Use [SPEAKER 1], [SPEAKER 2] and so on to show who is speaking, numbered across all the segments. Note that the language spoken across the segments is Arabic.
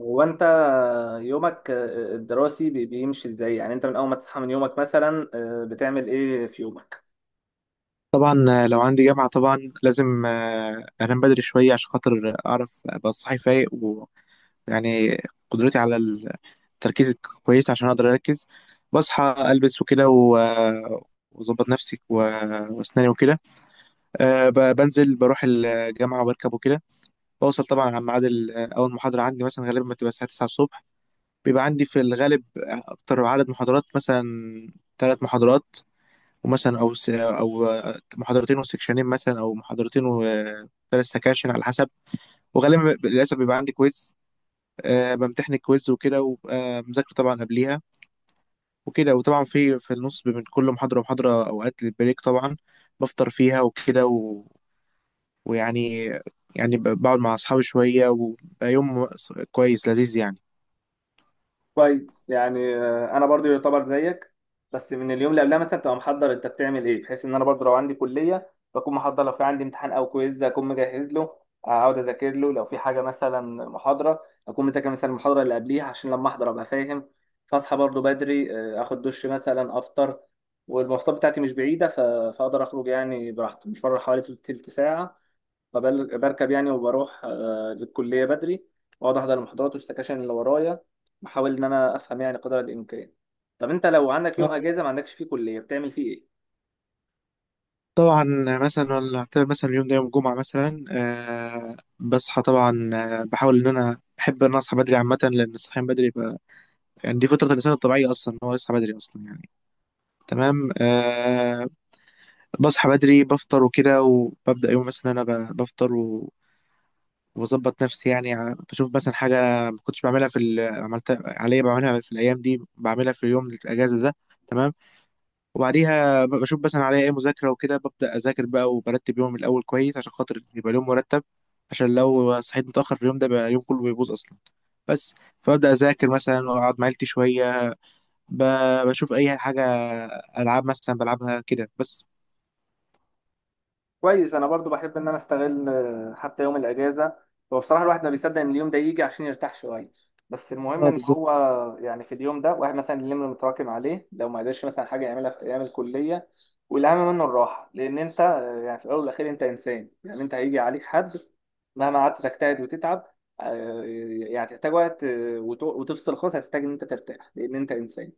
[SPEAKER 1] هو انت يومك الدراسي بيمشي ازاي؟ يعني انت من اول ما تصحى من يومك مثلا بتعمل ايه في يومك؟
[SPEAKER 2] طبعا، لو عندي جامعة طبعا لازم أنام بدري شوية عشان خاطر أعرف أبقى صاحي فايق. ويعني قدرتي على التركيز كويس عشان أقدر أركز. بصحى، ألبس وكده وأظبط نفسي وأسناني وكده. بنزل، بروح الجامعة وبركب وكده. بوصل طبعا على ميعاد أول محاضرة عندي مثلا غالبا بتبقى الساعة 9 الصبح. بيبقى عندي في الغالب أكتر عدد محاضرات مثلا ثلاث محاضرات، ومثلا او او محاضرتين وسكشنين، مثلا او محاضرتين وثلاث سكاشن على حسب. وغالبا للاسف بيبقى عندي كويز. أه، بمتحن الكويز وكده، وببقى مذاكر طبعا قبليها وكده. وطبعا في النص بين كل محاضره ومحاضره اوقات للبريك طبعا، بفطر فيها وكده ويعني، يعني بقعد مع اصحابي شويه، وبقى يوم كويس لذيذ.
[SPEAKER 1] كويس، يعني انا برضو يعتبر زيك، بس من اليوم اللي قبلها مثلا تبقى محضر، انت بتعمل ايه بحيث ان انا برضو لو عندي كليه بكون محضر؟ لو في عندي امتحان او كويز اكون مجهز له، اقعد اذاكر له. لو في حاجه مثلا محاضره اكون مذاكر مثلا المحاضره اللي قبليها عشان لما احضر ابقى فاهم. فاصحى برضو بدري، اخد دش مثلا، افطر، والمواصلات بتاعتي مش بعيده، فاقدر اخرج يعني براحتي، مشوار حوالي تلت ساعه. بركب يعني وبروح للكلية بدري، وأقعد أحضر المحاضرات والسكاشن اللي ورايا، بحاول إن أنا أفهم يعني قدر الإمكان. طب أنت لو عندك يوم
[SPEAKER 2] يعني
[SPEAKER 1] أجازة ما عندكش فيه كلية بتعمل فيه إيه؟
[SPEAKER 2] طبعا مثلا، ولا أعتبر مثلا اليوم ده يوم جمعة مثلا. بصحى طبعا، بحاول إن أنا أحب إن أنا أصحى بدري عامة، لأن الصحيان بدري بقى يعني دي فطرة الإنسان الطبيعية أصلا إن هو يصحى بدري أصلا يعني. تمام. بصحى بدري، بفطر وكده، وببدأ يوم. مثلا أنا بفطر وبظبط نفسي يعني، بشوف مثلا حاجة أنا ما كنتش بعملها في عملتها عليا، بعملها في الأيام دي، بعملها في اليوم الأجازة ده. تمام. وبعديها بشوف مثلا عليا ايه مذاكرة وكده، ببدأ أذاكر بقى وبرتب يومي الأول كويس عشان خاطر يبقى اليوم مرتب، عشان لو صحيت متأخر في اليوم ده بقى اليوم كله بيبوظ أصلا. بس، فببدأ أذاكر مثلا، وأقعد مع عيلتي شوية، بشوف أي حاجة، ألعاب مثلا بلعبها كده بس.
[SPEAKER 1] كويس، انا برضو بحب ان انا استغل حتى يوم الاجازه. هو بصراحه الواحد ما بيصدق ان اليوم ده يجي عشان يرتاح شويه، بس المهم
[SPEAKER 2] اه،
[SPEAKER 1] ان
[SPEAKER 2] بالظبط،
[SPEAKER 1] هو يعني في اليوم ده واحد مثلا اليوم اللي متراكم عليه لو ما قدرش مثلا حاجه يعملها في ايام الكليه. والاهم منه الراحه، لان انت يعني في الاول والاخير انت انسان. يعني انت هيجي عليك حد مهما قعدت تجتهد وتتعب، آه، يعني تحتاج وقت، وتفصل خالص. هتحتاج ان انت ترتاح لان انت انسان.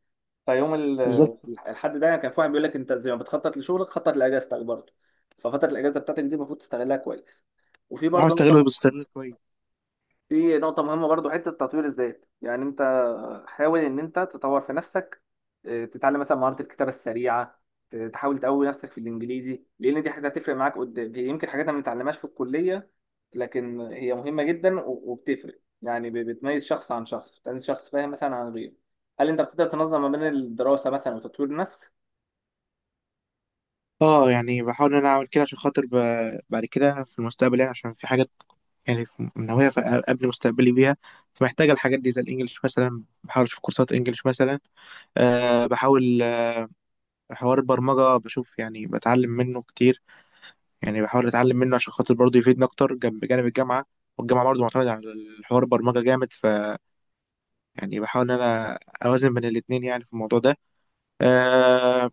[SPEAKER 1] فيوم ال-
[SPEAKER 2] بالظبط.
[SPEAKER 1] الحد ده، يعني كان في واحد بيقول لك انت زي ما بتخطط لشغلك خطط لاجازتك برضه. ففتره الاجازه بتاعتك دي المفروض تستغلها كويس. وفي
[SPEAKER 2] بحاول
[SPEAKER 1] برضه
[SPEAKER 2] أستغله
[SPEAKER 1] نقطه،
[SPEAKER 2] باستغلال كويس.
[SPEAKER 1] في نقطه مهمه برضه، حته تطوير الذات، يعني انت حاول ان انت تطور في نفسك. تتعلم مثلا مهاره الكتابه السريعه، تحاول تقوي نفسك في الانجليزي، لان دي حاجه هتفرق معاك قدام. هي يمكن حاجات ما بنتعلمهاش في الكليه، لكن هي مهمه جدا وبتفرق، يعني بتميز شخص عن شخص، بتميز شخص فاهم مثلا عن غيره. هل انت بتقدر تنظم ما بين الدراسه مثلا وتطوير النفس؟
[SPEAKER 2] اه، يعني بحاول إن أنا أعمل كده عشان خاطر بعد كده في المستقبل. يعني عشان في حاجات يعني ناويها قبل مستقبلي بيها، فمحتاجة الحاجات دي، زي الإنجليش مثلا، بحاول أشوف كورسات إنجليش مثلا. أه، بحاول حوار البرمجة، بشوف يعني بتعلم منه كتير، يعني بحاول أتعلم منه عشان خاطر برضه يفيدني أكتر جنب بجانب الجامعة. والجامعة برضه معتمدة على الحوار البرمجة جامد، ف يعني بحاول إن أنا أوازن بين الاتنين يعني في الموضوع ده. أه،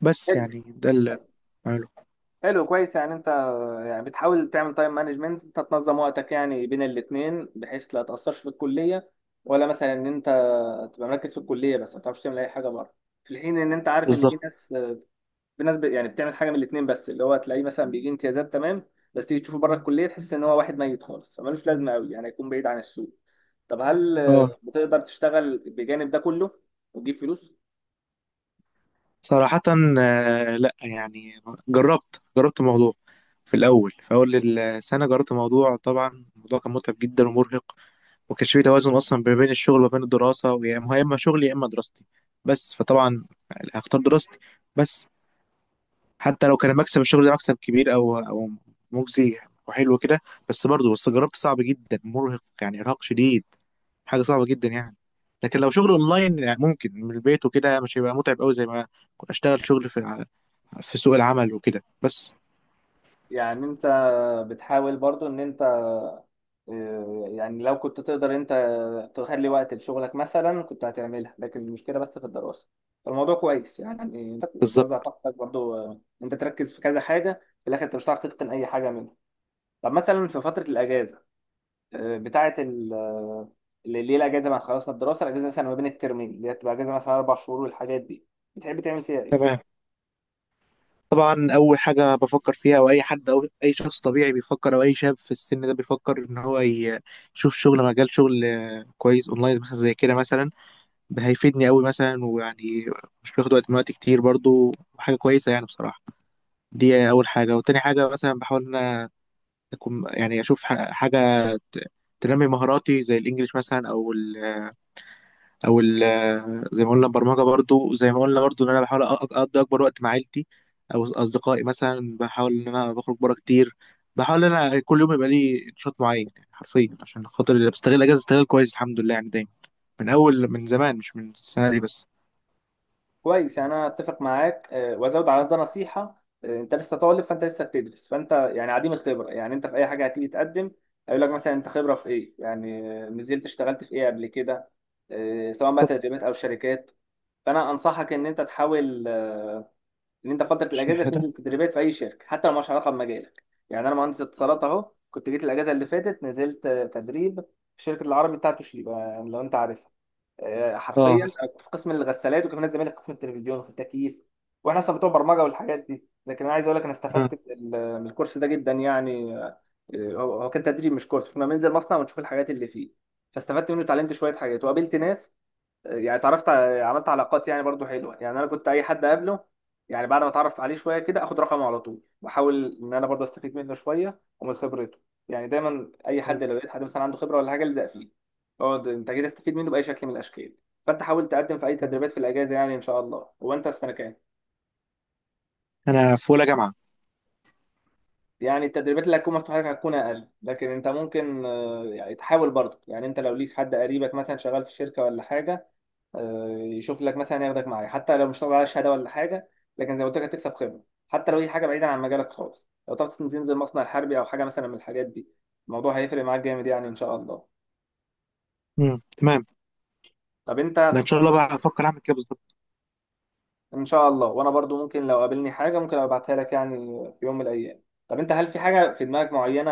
[SPEAKER 2] بس يعني ده اللي بعمله.
[SPEAKER 1] حلو، كويس، يعني انت يعني بتحاول تعمل تايم مانجمنت، انت تنظم وقتك يعني بين الاتنين بحيث لا تأثرش في الكلية، ولا مثلا ان انت تبقى مركز في الكلية بس ما تعرفش تعمل اي حاجة بره. في الحين ان انت عارف ان في
[SPEAKER 2] بالظبط.
[SPEAKER 1] ناس، في ناس يعني بتعمل حاجة من الاتنين بس اللي هو تلاقيه مثلا بيجي امتيازات تمام، بس تيجي تشوفه بره الكلية تحس ان هو واحد ميت خالص فمالوش لازمة قوي، يعني هيكون بعيد عن السوق. طب هل
[SPEAKER 2] اه،
[SPEAKER 1] بتقدر تشتغل بجانب ده كله وتجيب فلوس؟
[SPEAKER 2] صراحة لأ يعني، جربت الموضوع في الأول، في أول السنة جربت الموضوع. طبعا الموضوع كان متعب جدا ومرهق، وكانش في توازن اصلا ما بين الشغل وما بين الدراسه. ويا ما هو يا اما شغلي يا اما دراستي. بس فطبعا هختار دراستي، بس حتى لو كان مكسب الشغل ده مكسب كبير او او مجزي وحلو كده. بس برضه، بس جربت، صعب جدا، مرهق يعني ارهاق شديد، حاجه صعبه جدا يعني. لكن لو شغل اونلاين يعني، ممكن من البيت وكده، مش هيبقى متعب قوي زي ما اشتغل شغل في في سوق العمل وكده بس.
[SPEAKER 1] يعني انت بتحاول برضو ان انت يعني لو كنت تقدر انت تخلي وقت لشغلك مثلا كنت هتعملها، لكن المشكله بس في الدراسه. فالموضوع كويس يعني، وتوزع
[SPEAKER 2] بالظبط.
[SPEAKER 1] طاقتك برضو. انت تركز في كذا حاجه في الاخر انت مش هتعرف تتقن اي حاجه منهم. طب مثلا في فتره الاجازه، آه، بتاعه ال آه، اللي اللي هي الاجازه بعد خلصنا الدراسه، الاجازه مثلا ما بين الترمين اللي هي بتبقى اجازه مثلا اربع شهور والحاجات دي، بتحب تعمل فيها ايه؟
[SPEAKER 2] تمام. طبعا اول حاجه بفكر فيها، او اي حد او اي شخص طبيعي بيفكر، او اي شاب في السن ده بيفكر، ان هو يشوف شغل، مجال شغل كويس اونلاين مثلا زي كده، مثلا هيفيدني قوي مثلا. ويعني مش بياخد وقت من وقت كتير برضو، حاجه كويسه يعني بصراحه. دي اول حاجه. وتاني حاجه مثلا بحاول ان انا اكون يعني اشوف حاجه ت- تنمي مهاراتي، زي الانجليش مثلا، او او زي ما قلنا البرمجه برضو. زي ما قلنا برضو، ان انا بحاول اقضي اكبر وقت مع عيلتي او اصدقائي مثلا، بحاول ان انا بخرج بره كتير. بحاول ان انا كل يوم يبقى لي نشاط معين يعني حرفيا عشان خاطر اللي بستغل اجازه استغل كويس، الحمد لله يعني دايما. من اول، من زمان، مش من السنه دي بس.
[SPEAKER 1] كويس، يعني انا اتفق معاك. وازود على ده نصيحه: انت لسه طالب، فانت لسه بتدرس، فانت يعني عديم الخبره. يعني انت في اي حاجه هتيجي تقدم هيقول لك مثلا انت خبره في ايه، يعني نزلت اشتغلت في ايه قبل كده، سواء بقى
[SPEAKER 2] بالظبط.
[SPEAKER 1] تدريبات او شركات. فانا انصحك ان انت تحاول ان انت فتره الاجازه
[SPEAKER 2] شهاده.
[SPEAKER 1] تنزل تدريبات في اي شركه حتى لو مالهاش علاقه بمجالك. يعني انا مهندس اتصالات اهو، كنت جيت الاجازه اللي فاتت نزلت تدريب في شركه العربي بتاعت توشيبا، يعني لو انت عارفها. حرفيا
[SPEAKER 2] اه.
[SPEAKER 1] كنت في قسم الغسالات، وكمان زمايلي في قسم التلفزيون وفي التكييف، واحنا اصلا بتوع برمجه والحاجات دي. لكن انا عايز اقول لك انا
[SPEAKER 2] آه.
[SPEAKER 1] استفدت من الكورس ده جدا، يعني آه، هو هو كان تدريب مش كورس، كنا بننزل مصنع ونشوف الحاجات اللي فيه. فاستفدت منه، اتعلمت شويه حاجات، وقابلت ناس، يعني عملت علاقات يعني برضو حلوه. يعني انا كنت اي حد اقابله يعني بعد ما اتعرف عليه شويه كده اخد رقمه على طول، واحاول ان انا برضو استفيد منه شويه ومن خبرته. يعني دايما اي حد
[SPEAKER 2] أيوة.
[SPEAKER 1] لو لقيت حد مثلا عنده خبره ولا حاجه الزق فيه، اقعد انت جاي تستفيد منه باي شكل من الاشكال. فانت حاول تقدم في اي
[SPEAKER 2] آه.
[SPEAKER 1] تدريبات في الاجازه يعني ان شاء الله. هو انت في سنه كام؟
[SPEAKER 2] انا في اولى جامعه.
[SPEAKER 1] يعني التدريبات اللي هتكون مفتوحه لك هتكون اقل، لكن انت ممكن يعني تحاول برضو. يعني انت لو ليك حد قريبك مثلا شغال في شركه ولا حاجه، يشوف لك مثلا، ياخدك معاه، حتى لو مش طالع على شهاده ولا حاجه، لكن زي ما قلت لك هتكسب خبره. حتى لو هي حاجه بعيده عن مجالك خالص، لو تعرف تنزل مصنع حربي او حاجه مثلا من الحاجات دي الموضوع هيفرق معاك جامد يعني ان شاء الله.
[SPEAKER 2] تمام.
[SPEAKER 1] طب انت
[SPEAKER 2] ده
[SPEAKER 1] في
[SPEAKER 2] ان شاء الله
[SPEAKER 1] فتره.
[SPEAKER 2] بقى افكر اعمل كده بالظبط.
[SPEAKER 1] ان شاء الله، وانا برضو ممكن لو قابلني حاجه ممكن ابعتها لك يعني في يوم من الايام. طب انت هل في حاجه في دماغك معينه،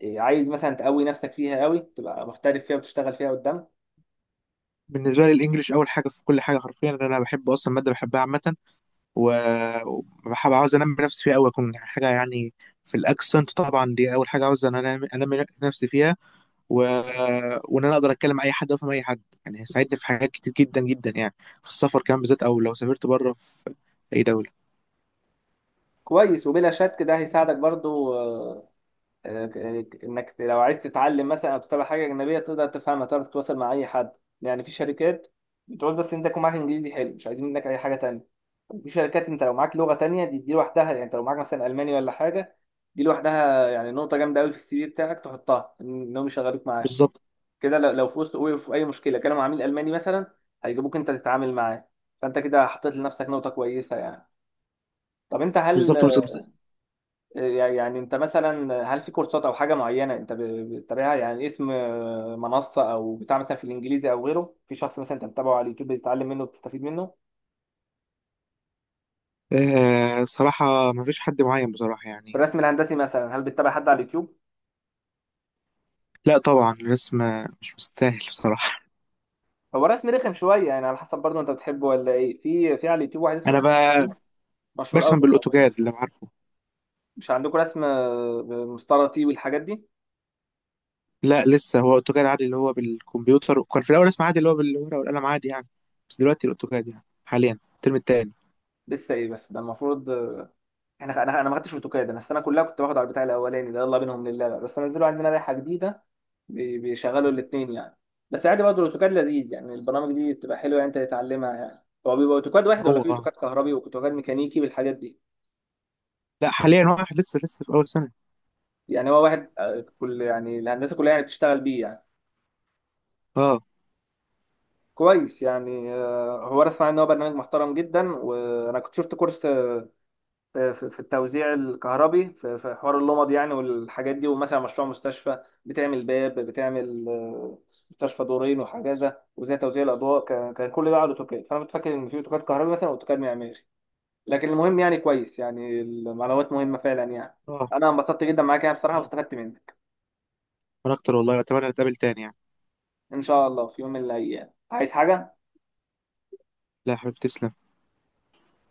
[SPEAKER 1] إيه، عايز مثلا تقوي نفسك فيها قوي تبقى محترف فيها وتشتغل فيها قدام؟
[SPEAKER 2] بالنسبه لي الانجليش اول حاجه في كل حاجه حرفيا، لأن انا بحب اصلا، ماده بحبها عامه، وبحب، عاوز انمي نفسي فيها قوي، اكون يعني حاجه يعني في الاكسنت. طبعا دي اول حاجه عاوز ان انا أنمي نفسي فيها. و... وان انا اقدر اتكلم مع اي حد وافهم اي حد، يعني هيساعدني في حاجات كتير جدا جدا يعني، في السفر كمان بالذات، او لو سافرت بره في اي دوله.
[SPEAKER 1] كويس، وبلا شك ده هيساعدك برضو. آه، انك لو عايز تتعلم مثلا او تتابع حاجه اجنبيه تقدر تفهمها، تقدر تتواصل مع اي حد. يعني في شركات بتقول بس انت يكون معاك انجليزي حلو مش عايزين منك اي حاجه تانية. في شركات انت لو معاك لغه تانية، دي دي لوحدها، يعني انت لو معاك مثلا الماني ولا حاجه دي لوحدها يعني نقطه جامده قوي في السي في بتاعك تحطها، انهم يشغلوك معاه
[SPEAKER 2] بالظبط،
[SPEAKER 1] كده. لو لو في وسط وقف في اي مشكله كانوا مع عميل الماني مثلا هيجيبوك انت تتعامل معاه. فانت كده حطيت لنفسك نقطه كويسه يعني. طب انت هل
[SPEAKER 2] بالظبط، بالظبط.
[SPEAKER 1] يعني انت مثلا هل في كورسات او حاجه معينه انت بتتابعها، يعني اسم منصه او بتاع مثلا في الانجليزي او غيره، في شخص مثلا انت بتتابعه على اليوتيوب بتتعلم منه وبتستفيد منه؟
[SPEAKER 2] آه صراحه ما فيش حد معين بصراحه
[SPEAKER 1] في
[SPEAKER 2] يعني.
[SPEAKER 1] الرسم الهندسي مثلا هل بتتابع حد على اليوتيوب؟
[SPEAKER 2] لا طبعا الرسم مش مستاهل بصراحه.
[SPEAKER 1] هو الرسم رخم شويه يعني، على حسب برضه انت بتحبه ولا ايه. في في على اليوتيوب واحد اسمه
[SPEAKER 2] انا
[SPEAKER 1] مصطفى
[SPEAKER 2] بقى
[SPEAKER 1] خاطر، مشهور قوي
[SPEAKER 2] برسم
[SPEAKER 1] في الموضوع ده.
[SPEAKER 2] بالاوتوكاد اللي أنا عارفه.
[SPEAKER 1] مش عندكم رسم مستطيل والحاجات دي؟
[SPEAKER 2] لا لسه، هو اوتوكاد عادي اللي هو بالكمبيوتر، وكان في الاول اسمه عادي اللي هو بالورقه والقلم عادي يعني. بس دلوقتي الاوتوكاد يعني حاليا الترم التاني.
[SPEAKER 1] لسه ايه؟ بس ده المفروض. انا ما خدتش اوتوكاد، انا السنه كلها كنت باخد على البتاع الاولاني ده، يلا بينهم لله بقى. بس نزلوا عندنا لائحه جديده بيشغلوا الاثنين يعني. بس عادي برضه الاوتوكاد لذيذ يعني، البرامج دي بتبقى حلوه يعني انت تتعلمها. يعني هو بيبقى اوتوكاد واحد، ولا
[SPEAKER 2] هو
[SPEAKER 1] في اوتوكاد
[SPEAKER 2] اه.
[SPEAKER 1] كهربي واوتوكاد ميكانيكي بالحاجات دي؟
[SPEAKER 2] لا، حاليا واحد، لسه في اول سنه.
[SPEAKER 1] يعني هو واحد، كل يعني الهندسه كلها يعني بتشتغل بيه يعني.
[SPEAKER 2] اه.
[SPEAKER 1] كويس يعني. هو انا اسمع ان هو برنامج محترم جدا، وانا كنت شفت كورس في التوزيع الكهربي في حوار اللمض يعني والحاجات دي، ومثلا مشروع مستشفى، بتعمل باب، بتعمل مستشفى دورين وحاجازه وزي توزيع الاضواء، كان كل ده على اوتوكاد. فانا كنت فاكر ان في اوتوكاد كهربي مثلا واوتوكاد معماري. لكن المهم يعني كويس، يعني المعلومات مهمه فعلا يعني.
[SPEAKER 2] اه.
[SPEAKER 1] انا انبسطت جدا معاك يعني بصراحه،
[SPEAKER 2] اه.
[SPEAKER 1] واستفدت منك.
[SPEAKER 2] وانا اكتر والله، اتمنى نتقابل تاني يعني.
[SPEAKER 1] ان شاء الله في يوم من الايام عايز حاجه.
[SPEAKER 2] لا يا حبيبي، تسلم.